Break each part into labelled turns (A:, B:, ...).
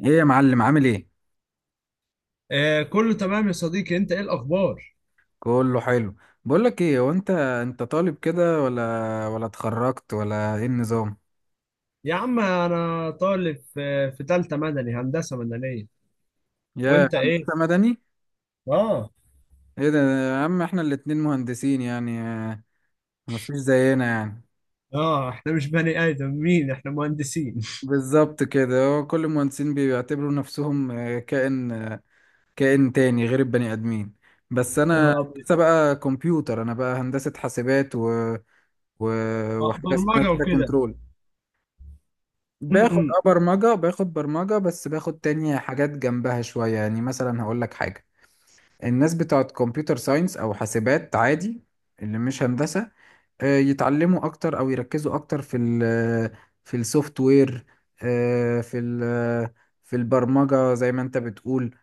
A: ايه يا معلم، عامل ايه؟
B: آه، كله تمام يا صديقي. انت ايه الاخبار؟
A: كله حلو. بقول لك ايه، هو انت طالب كده، ولا اتخرجت، ولا ايه النظام؟
B: يا عم انا طالب في تالتة مدني، هندسة مدنية.
A: يا
B: وانت
A: هندسه
B: ايه؟
A: مدني.
B: اه.
A: ايه ده يا عم، احنا الاتنين مهندسين يعني. مفيش زينا يعني.
B: اه احنا مش بني ادمين، احنا مهندسين
A: بالظبط كده، هو كل المهندسين بيعتبروا نفسهم كائن تاني غير البني ادمين. بس انا
B: اه.
A: لسه بقى كمبيوتر، انا بقى هندسه حاسبات و... وحاجه اسمها
B: برمجة
A: كده
B: وكده.
A: كنترول. باخد
B: امم
A: برمجة، بس باخد تاني حاجات جنبها شوية يعني، مثلا هقول لك حاجة. الناس بتاعت كمبيوتر ساينس أو حاسبات عادي، اللي مش هندسة، يتعلموا أكتر أو يركزوا أكتر في السوفت وير، آه، في ال في البرمجة زي ما أنت بتقول.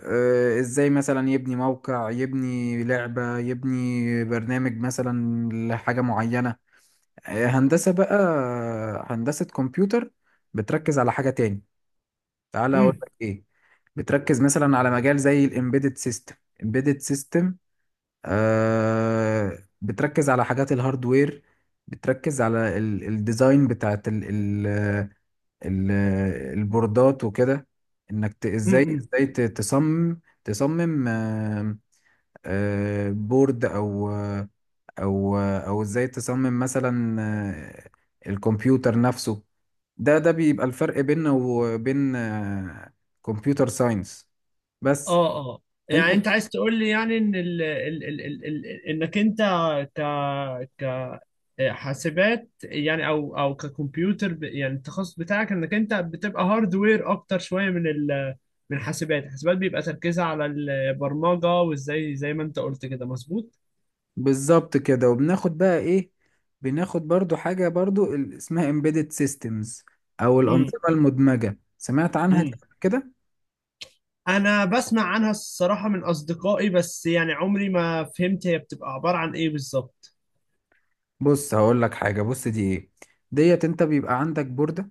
A: إزاي مثلا يبني موقع، يبني لعبة، يبني برنامج مثلا لحاجة معينة. هندسة بقى، هندسة كمبيوتر، بتركز على حاجة تاني. تعالى اقول
B: امم
A: لك ايه، بتركز مثلا على مجال زي الامبيدد سيستم. امبيدد سيستم، آه، بتركز على حاجات الهاردوير. بتركز على الديزاين بتاعت ال ال ال البوردات وكده. انك ت- ازاي
B: امم
A: ازاي ت- تصمم تصمم آه بورد، او ازاي تصمم مثلا الكمبيوتر نفسه. ده بيبقى الفرق بيننا وبين كمبيوتر ساينس. بس.
B: اه. اه
A: انت.
B: يعني انت عايز تقول لي يعني ان ال ال ال ال ال انك انت ك حاسبات يعني او ككمبيوتر يعني التخصص بتاعك انك انت بتبقى هاردوير اكتر شويه من ال، من حاسبات. حاسبات بيبقى تركيزها على البرمجه وازاي، زي ما انت قلت كده مظبوط.
A: بالظبط كده، وبناخد بقى ايه؟ بناخد برضو حاجة، برضو اسمها embedded systems، او
B: امم
A: الانظمة المدمجة. سمعت عنها دي
B: امم.
A: قبل كده؟
B: انا بسمع عنها الصراحه من اصدقائي، بس يعني عمري ما فهمت هي بتبقى عباره عن ايه بالظبط.
A: بص هقول لك حاجة، بص دي ايه. ديت انت بيبقى عندك بوردة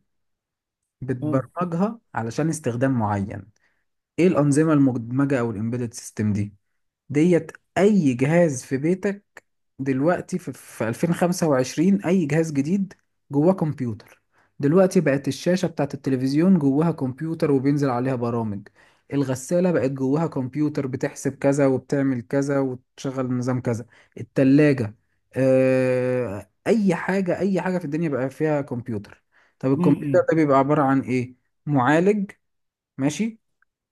B: اه.
A: بتبرمجها علشان استخدام معين. ايه الانظمة المدمجة او الامبيدد سيستم دي؟ ديت اي جهاز في بيتك دلوقتي، في 2025 اي جهاز جديد جواه كمبيوتر. دلوقتي بقت الشاشة بتاعت التلفزيون جواها كمبيوتر وبينزل عليها برامج. الغسالة بقت جواها كمبيوتر، بتحسب كذا وبتعمل كذا وتشغل نظام كذا. التلاجة، اي حاجة، اي حاجة في الدنيا بقى فيها كمبيوتر. طب الكمبيوتر
B: امم
A: ده بيبقى عبارة عن ايه؟ معالج، ماشي،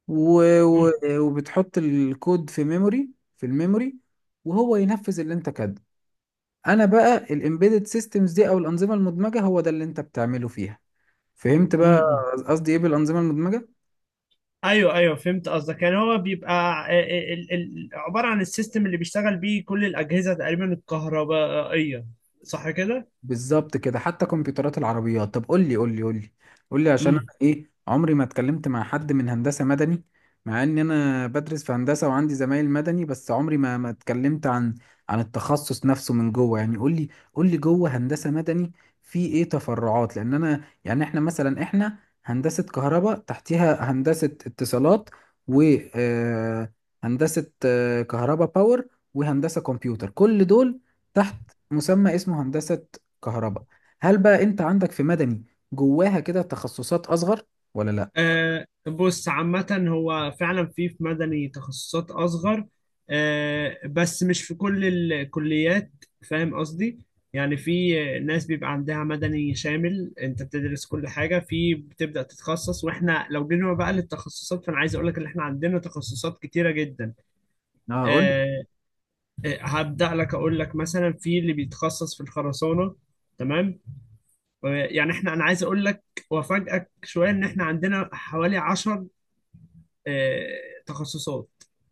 A: و... و... وبتحط الكود في ميموري في الميموري، وهو ينفذ اللي انت كاتبه. انا بقى الامبيدد سيستمز دي او الانظمه المدمجه هو ده اللي انت بتعمله فيها. فهمت بقى
B: امم.
A: قصدي ايه بالانظمه المدمجه؟
B: ايوه ايوه فهمت قصدك. يعني هو بيبقى عباره عن السيستم اللي بيشتغل بيه كل الاجهزه تقريبا الكهربائيه، صح كده؟
A: بالظبط كده، حتى كمبيوترات العربيات. طب قول لي عشان انا
B: امم.
A: ايه، عمري ما اتكلمت مع حد من هندسة مدني. مع ان انا بدرس في هندسة وعندي زمايل مدني، بس عمري ما اتكلمت عن عن التخصص نفسه من جوه. يعني قول لي، قول لي جوه هندسة مدني في ايه تفرعات. لان انا يعني، احنا مثلا، احنا هندسة كهرباء تحتيها هندسة اتصالات، و آه، هندسة كهرباء باور، وهندسة كمبيوتر. كل دول تحت مسمى اسمه هندسة كهرباء. هل بقى انت عندك في مدني جواها كده تخصصات اصغر، ولا لا؟
B: آه بص، عامه هو فعلا في في مدني تخصصات اصغر، آه بس مش في كل الكليات، فاهم قصدي؟ يعني في ناس بيبقى عندها مدني شامل، انت بتدرس كل حاجه في بتبدا تتخصص. واحنا لو جينا بقى للتخصصات، فانا عايز اقول لك ان احنا عندنا تخصصات كتيره جدا.
A: اه قول.
B: آه، هبدأ لك أقول لك مثلا في اللي بيتخصص في الخرسانة، تمام. يعني احنا، أنا عايز أقول لك وأفاجئك شوية إن احنا عندنا حوالي 10 آه، تخصصات.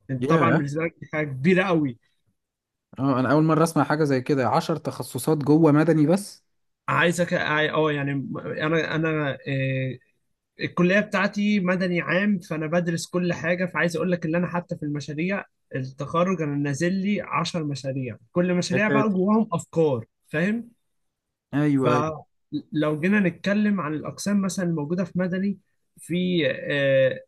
B: انت طبعا
A: ياه،
B: بالنسبة لك دي حاجة كبيرة قوي.
A: اه، انا اول مره اسمع حاجه زي كده، 10 تخصصات جوه مدني بس.
B: عايزك اه، يعني أنا الكلية بتاعتي مدني عام، فأنا بدرس كل حاجة. فعايز أقول لك إن أنا حتى في المشاريع التخرج أنا نازل لي 10 مشاريع، كل
A: يا
B: مشاريع بقى
A: ساتر،
B: جواهم أفكار، فاهم؟
A: ايوه ايوه.
B: فلو جينا نتكلم عن الأقسام مثلا الموجودة في مدني، في آه،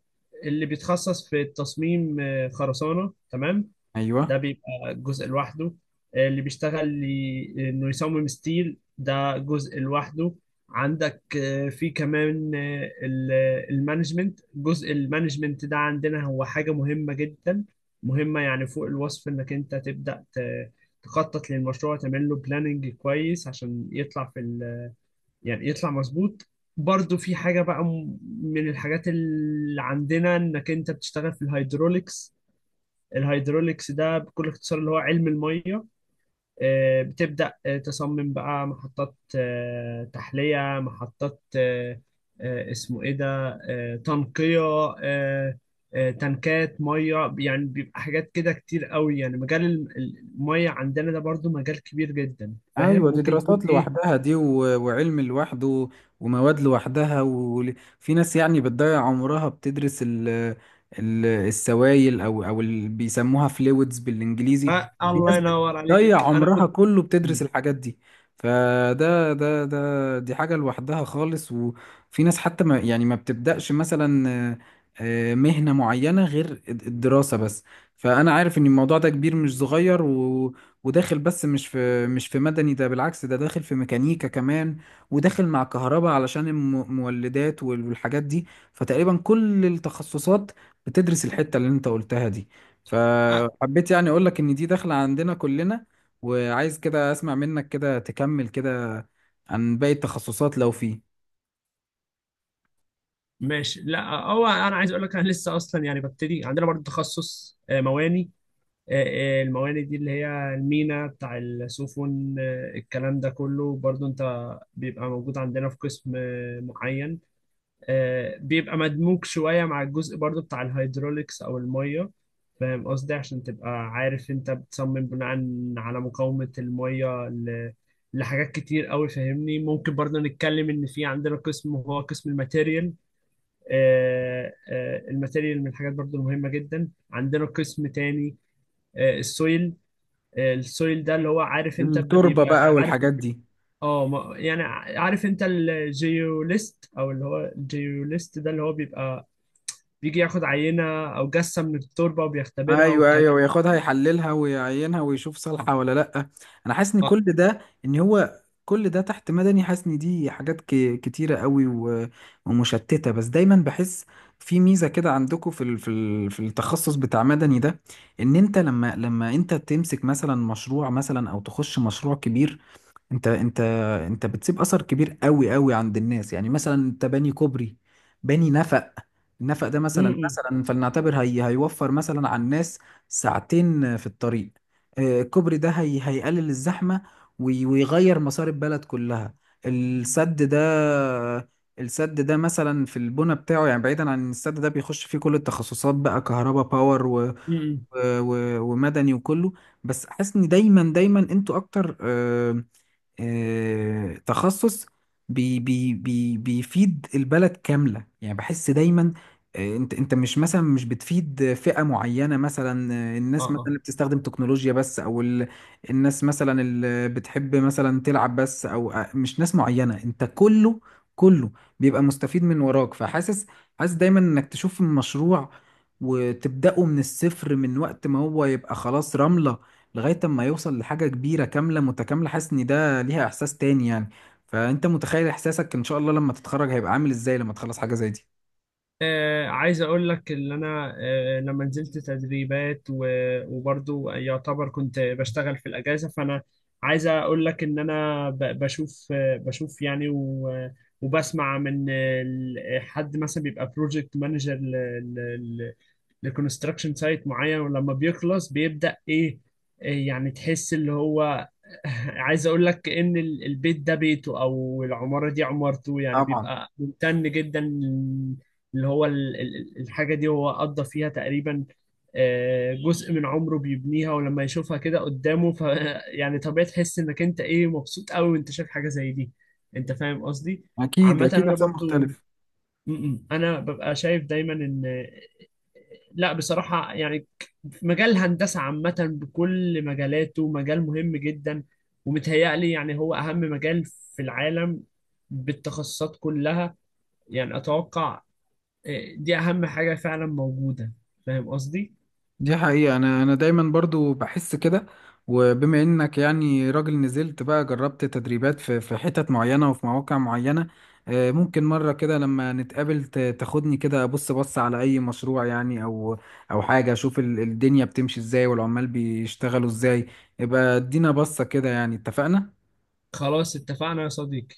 B: اللي بيتخصص في التصميم خرسانة، تمام، ده
A: ايوه
B: بيبقى جزء لوحده. اللي بيشتغل إنه يصمم ستيل، ده جزء لوحده. عندك في كمان المانجمنت، جزء المانجمنت ده عندنا هو حاجة مهمة جدا، مهمة يعني فوق الوصف. إنك أنت تبدأ تخطط للمشروع، تعمل له بلاننج كويس عشان يطلع في، يعني يطلع مظبوط. برضو في حاجة بقى من الحاجات اللي عندنا انك انت بتشتغل في الهيدروليكس. الهيدروليكس ده بكل اختصار اللي هو علم المية. بتبدأ تصمم بقى محطات تحلية، محطات اسمه ايه ده، تنقية، آه، تنكات مية. يعني بيبقى حاجات كده كتير قوي. يعني مجال المية عندنا ده برضو مجال كبير جدا، فاهم
A: ايوه، دي
B: ممكن يكون
A: دراسات
B: ايه.
A: لوحدها، دي وعلم لوحده ومواد لوحدها. وفي ناس يعني بتضيع عمرها بتدرس ال السوائل، او اللي بيسموها فلويدز بالانجليزي. في
B: الله
A: ناس
B: ينور عليك.
A: بتضيع
B: انا
A: عمرها
B: كنت
A: كله بتدرس
B: مم.
A: الحاجات دي. فده ده ده دي حاجة لوحدها خالص. وفي ناس حتى ما يعني ما بتبدأش مثلا آه، آه، مهنة معينة غير الدراسة بس. فأنا عارف إن الموضوع ده كبير مش صغير، وداخل. بس مش في مدني ده، بالعكس ده داخل في ميكانيكا كمان، وداخل مع كهرباء علشان المولدات والحاجات دي. فتقريبا كل التخصصات بتدرس الحتة اللي انت قلتها دي.
B: آه،
A: فحبيت يعني اقول لك ان دي داخلة عندنا كلنا. وعايز كده اسمع منك كده تكمل كده عن باقي التخصصات لو فيه.
B: ماشي. لا هو انا عايز اقول لك، انا لسه اصلا يعني ببتدي. عندنا برضه تخصص مواني. آه، المواني دي اللي هي المينا بتاع السفن الكلام ده كله برضه، انت بيبقى موجود عندنا في قسم معين. بيبقى مدموج شوية مع الجزء برضه بتاع الهيدروليكس او المية، فاهم قصدي؟ عشان تبقى عارف انت بتصمم بناء على مقاومة المية لحاجات كتير قوي، فاهمني؟ ممكن برضه نتكلم ان في عندنا قسم، هو قسم الماتيريال. الماتيريال من الحاجات برضو المهمة جدا. عندنا قسم تاني السويل. السويل ده اللي هو، عارف انت،
A: التربة
B: بيبقى
A: بقى
B: عارف
A: والحاجات دي.
B: اه يعني عارف انت الجيوليست، او اللي هو الجيوليست ده اللي هو بيبقى بيجي ياخد عينة او جثة من التربة وبيختبرها
A: ايوه
B: والكلام.
A: ايوه، وياخدها يحللها ويعينها ويشوف صالحه ولا لا. انا حاسس ان
B: اه.
A: كل ده، تحت مدني. حاسس ان دي حاجات كتيره قوي ومشتته. بس دايما بحس في ميزه كده عندكم في التخصص بتاع مدني ده، ان انت لما انت تمسك مثلا مشروع، مثلا او تخش مشروع كبير، انت انت انت بتسيب اثر كبير قوي قوي عند الناس. يعني مثلا انت باني كوبري، باني نفق. النفق ده
B: م-
A: مثلا،
B: م-
A: مثلا فلنعتبر هيوفر مثلا على الناس ساعتين في الطريق. الكوبري ده هيقلل الزحمة وي- ويغير مسار البلد كلها. السد ده، السد ده مثلا في البنى بتاعه، يعني بعيدا عن السد ده بيخش فيه كل التخصصات بقى، كهرباء باور
B: م.
A: ومدني وكله. بس حاسس ان دايما دايما انتوا اكتر تخصص بي بي بي بيفيد البلد كاملة. يعني بحس دايما انت مش بتفيد فئة معينة مثلا، الناس مثلا
B: اه
A: اللي بتستخدم تكنولوجيا بس، او الناس مثلا اللي بتحب مثلا تلعب بس، او مش ناس معينة، انت كله، كله بيبقى مستفيد من وراك. حاسس دايما انك تشوف المشروع وتبدأه من الصفر، من وقت ما هو يبقى خلاص رملة لغاية ما يوصل لحاجة كبيرة كاملة متكاملة. حاسس ان ده ليها احساس تاني يعني. فانت متخيل احساسك، ان شاء الله لما تتخرج هيبقى عامل ازاي لما تخلص حاجه زي دي؟
B: عايز اقول لك ان انا لما نزلت تدريبات، وبرضو يعتبر كنت بشتغل في الاجازه، فانا عايز اقول لك ان انا بشوف بشوف يعني وبسمع من حد مثلا بيبقى بروجكت مانجر لكونستراكشن سايت معين، ولما بيخلص بيبدأ ايه؟ إيه يعني؟ تحس اللي هو عايز اقول لك ان البيت ده بيته، او العمارة دي عمارته، يعني
A: طبعا.
B: بيبقى ممتن جدا. اللي هو الحاجة دي هو قضى فيها تقريبا جزء من عمره بيبنيها، ولما يشوفها كده قدامه ف يعني طبيعي تحس انك انت ايه، مبسوط قوي وانت شايف حاجة زي دي. انت فاهم قصدي؟
A: اكيد
B: عامة
A: اكيد
B: انا
A: احساس
B: برضو،
A: مختلف.
B: م. انا ببقى شايف دايما ان، لا بصراحة يعني مجال الهندسة عامة بكل مجالاته مجال مهم جدا، ومتهيألي يعني هو أهم مجال في العالم بالتخصصات كلها. يعني أتوقع دي أهم حاجة فعلا موجودة، فاهم قصدي؟
A: دي حقيقه، انا دايما برضو بحس كده. وبما انك يعني راجل نزلت بقى جربت تدريبات في حتت معينه وفي مواقع معينه، ممكن مره كده لما نتقابل تاخدني كده بص على اي مشروع يعني، او او حاجه، اشوف الدنيا بتمشي ازاي والعمال بيشتغلوا ازاي. يبقى ادينا بصه كده، يعني اتفقنا.
B: خلاص اتفقنا يا صديقي.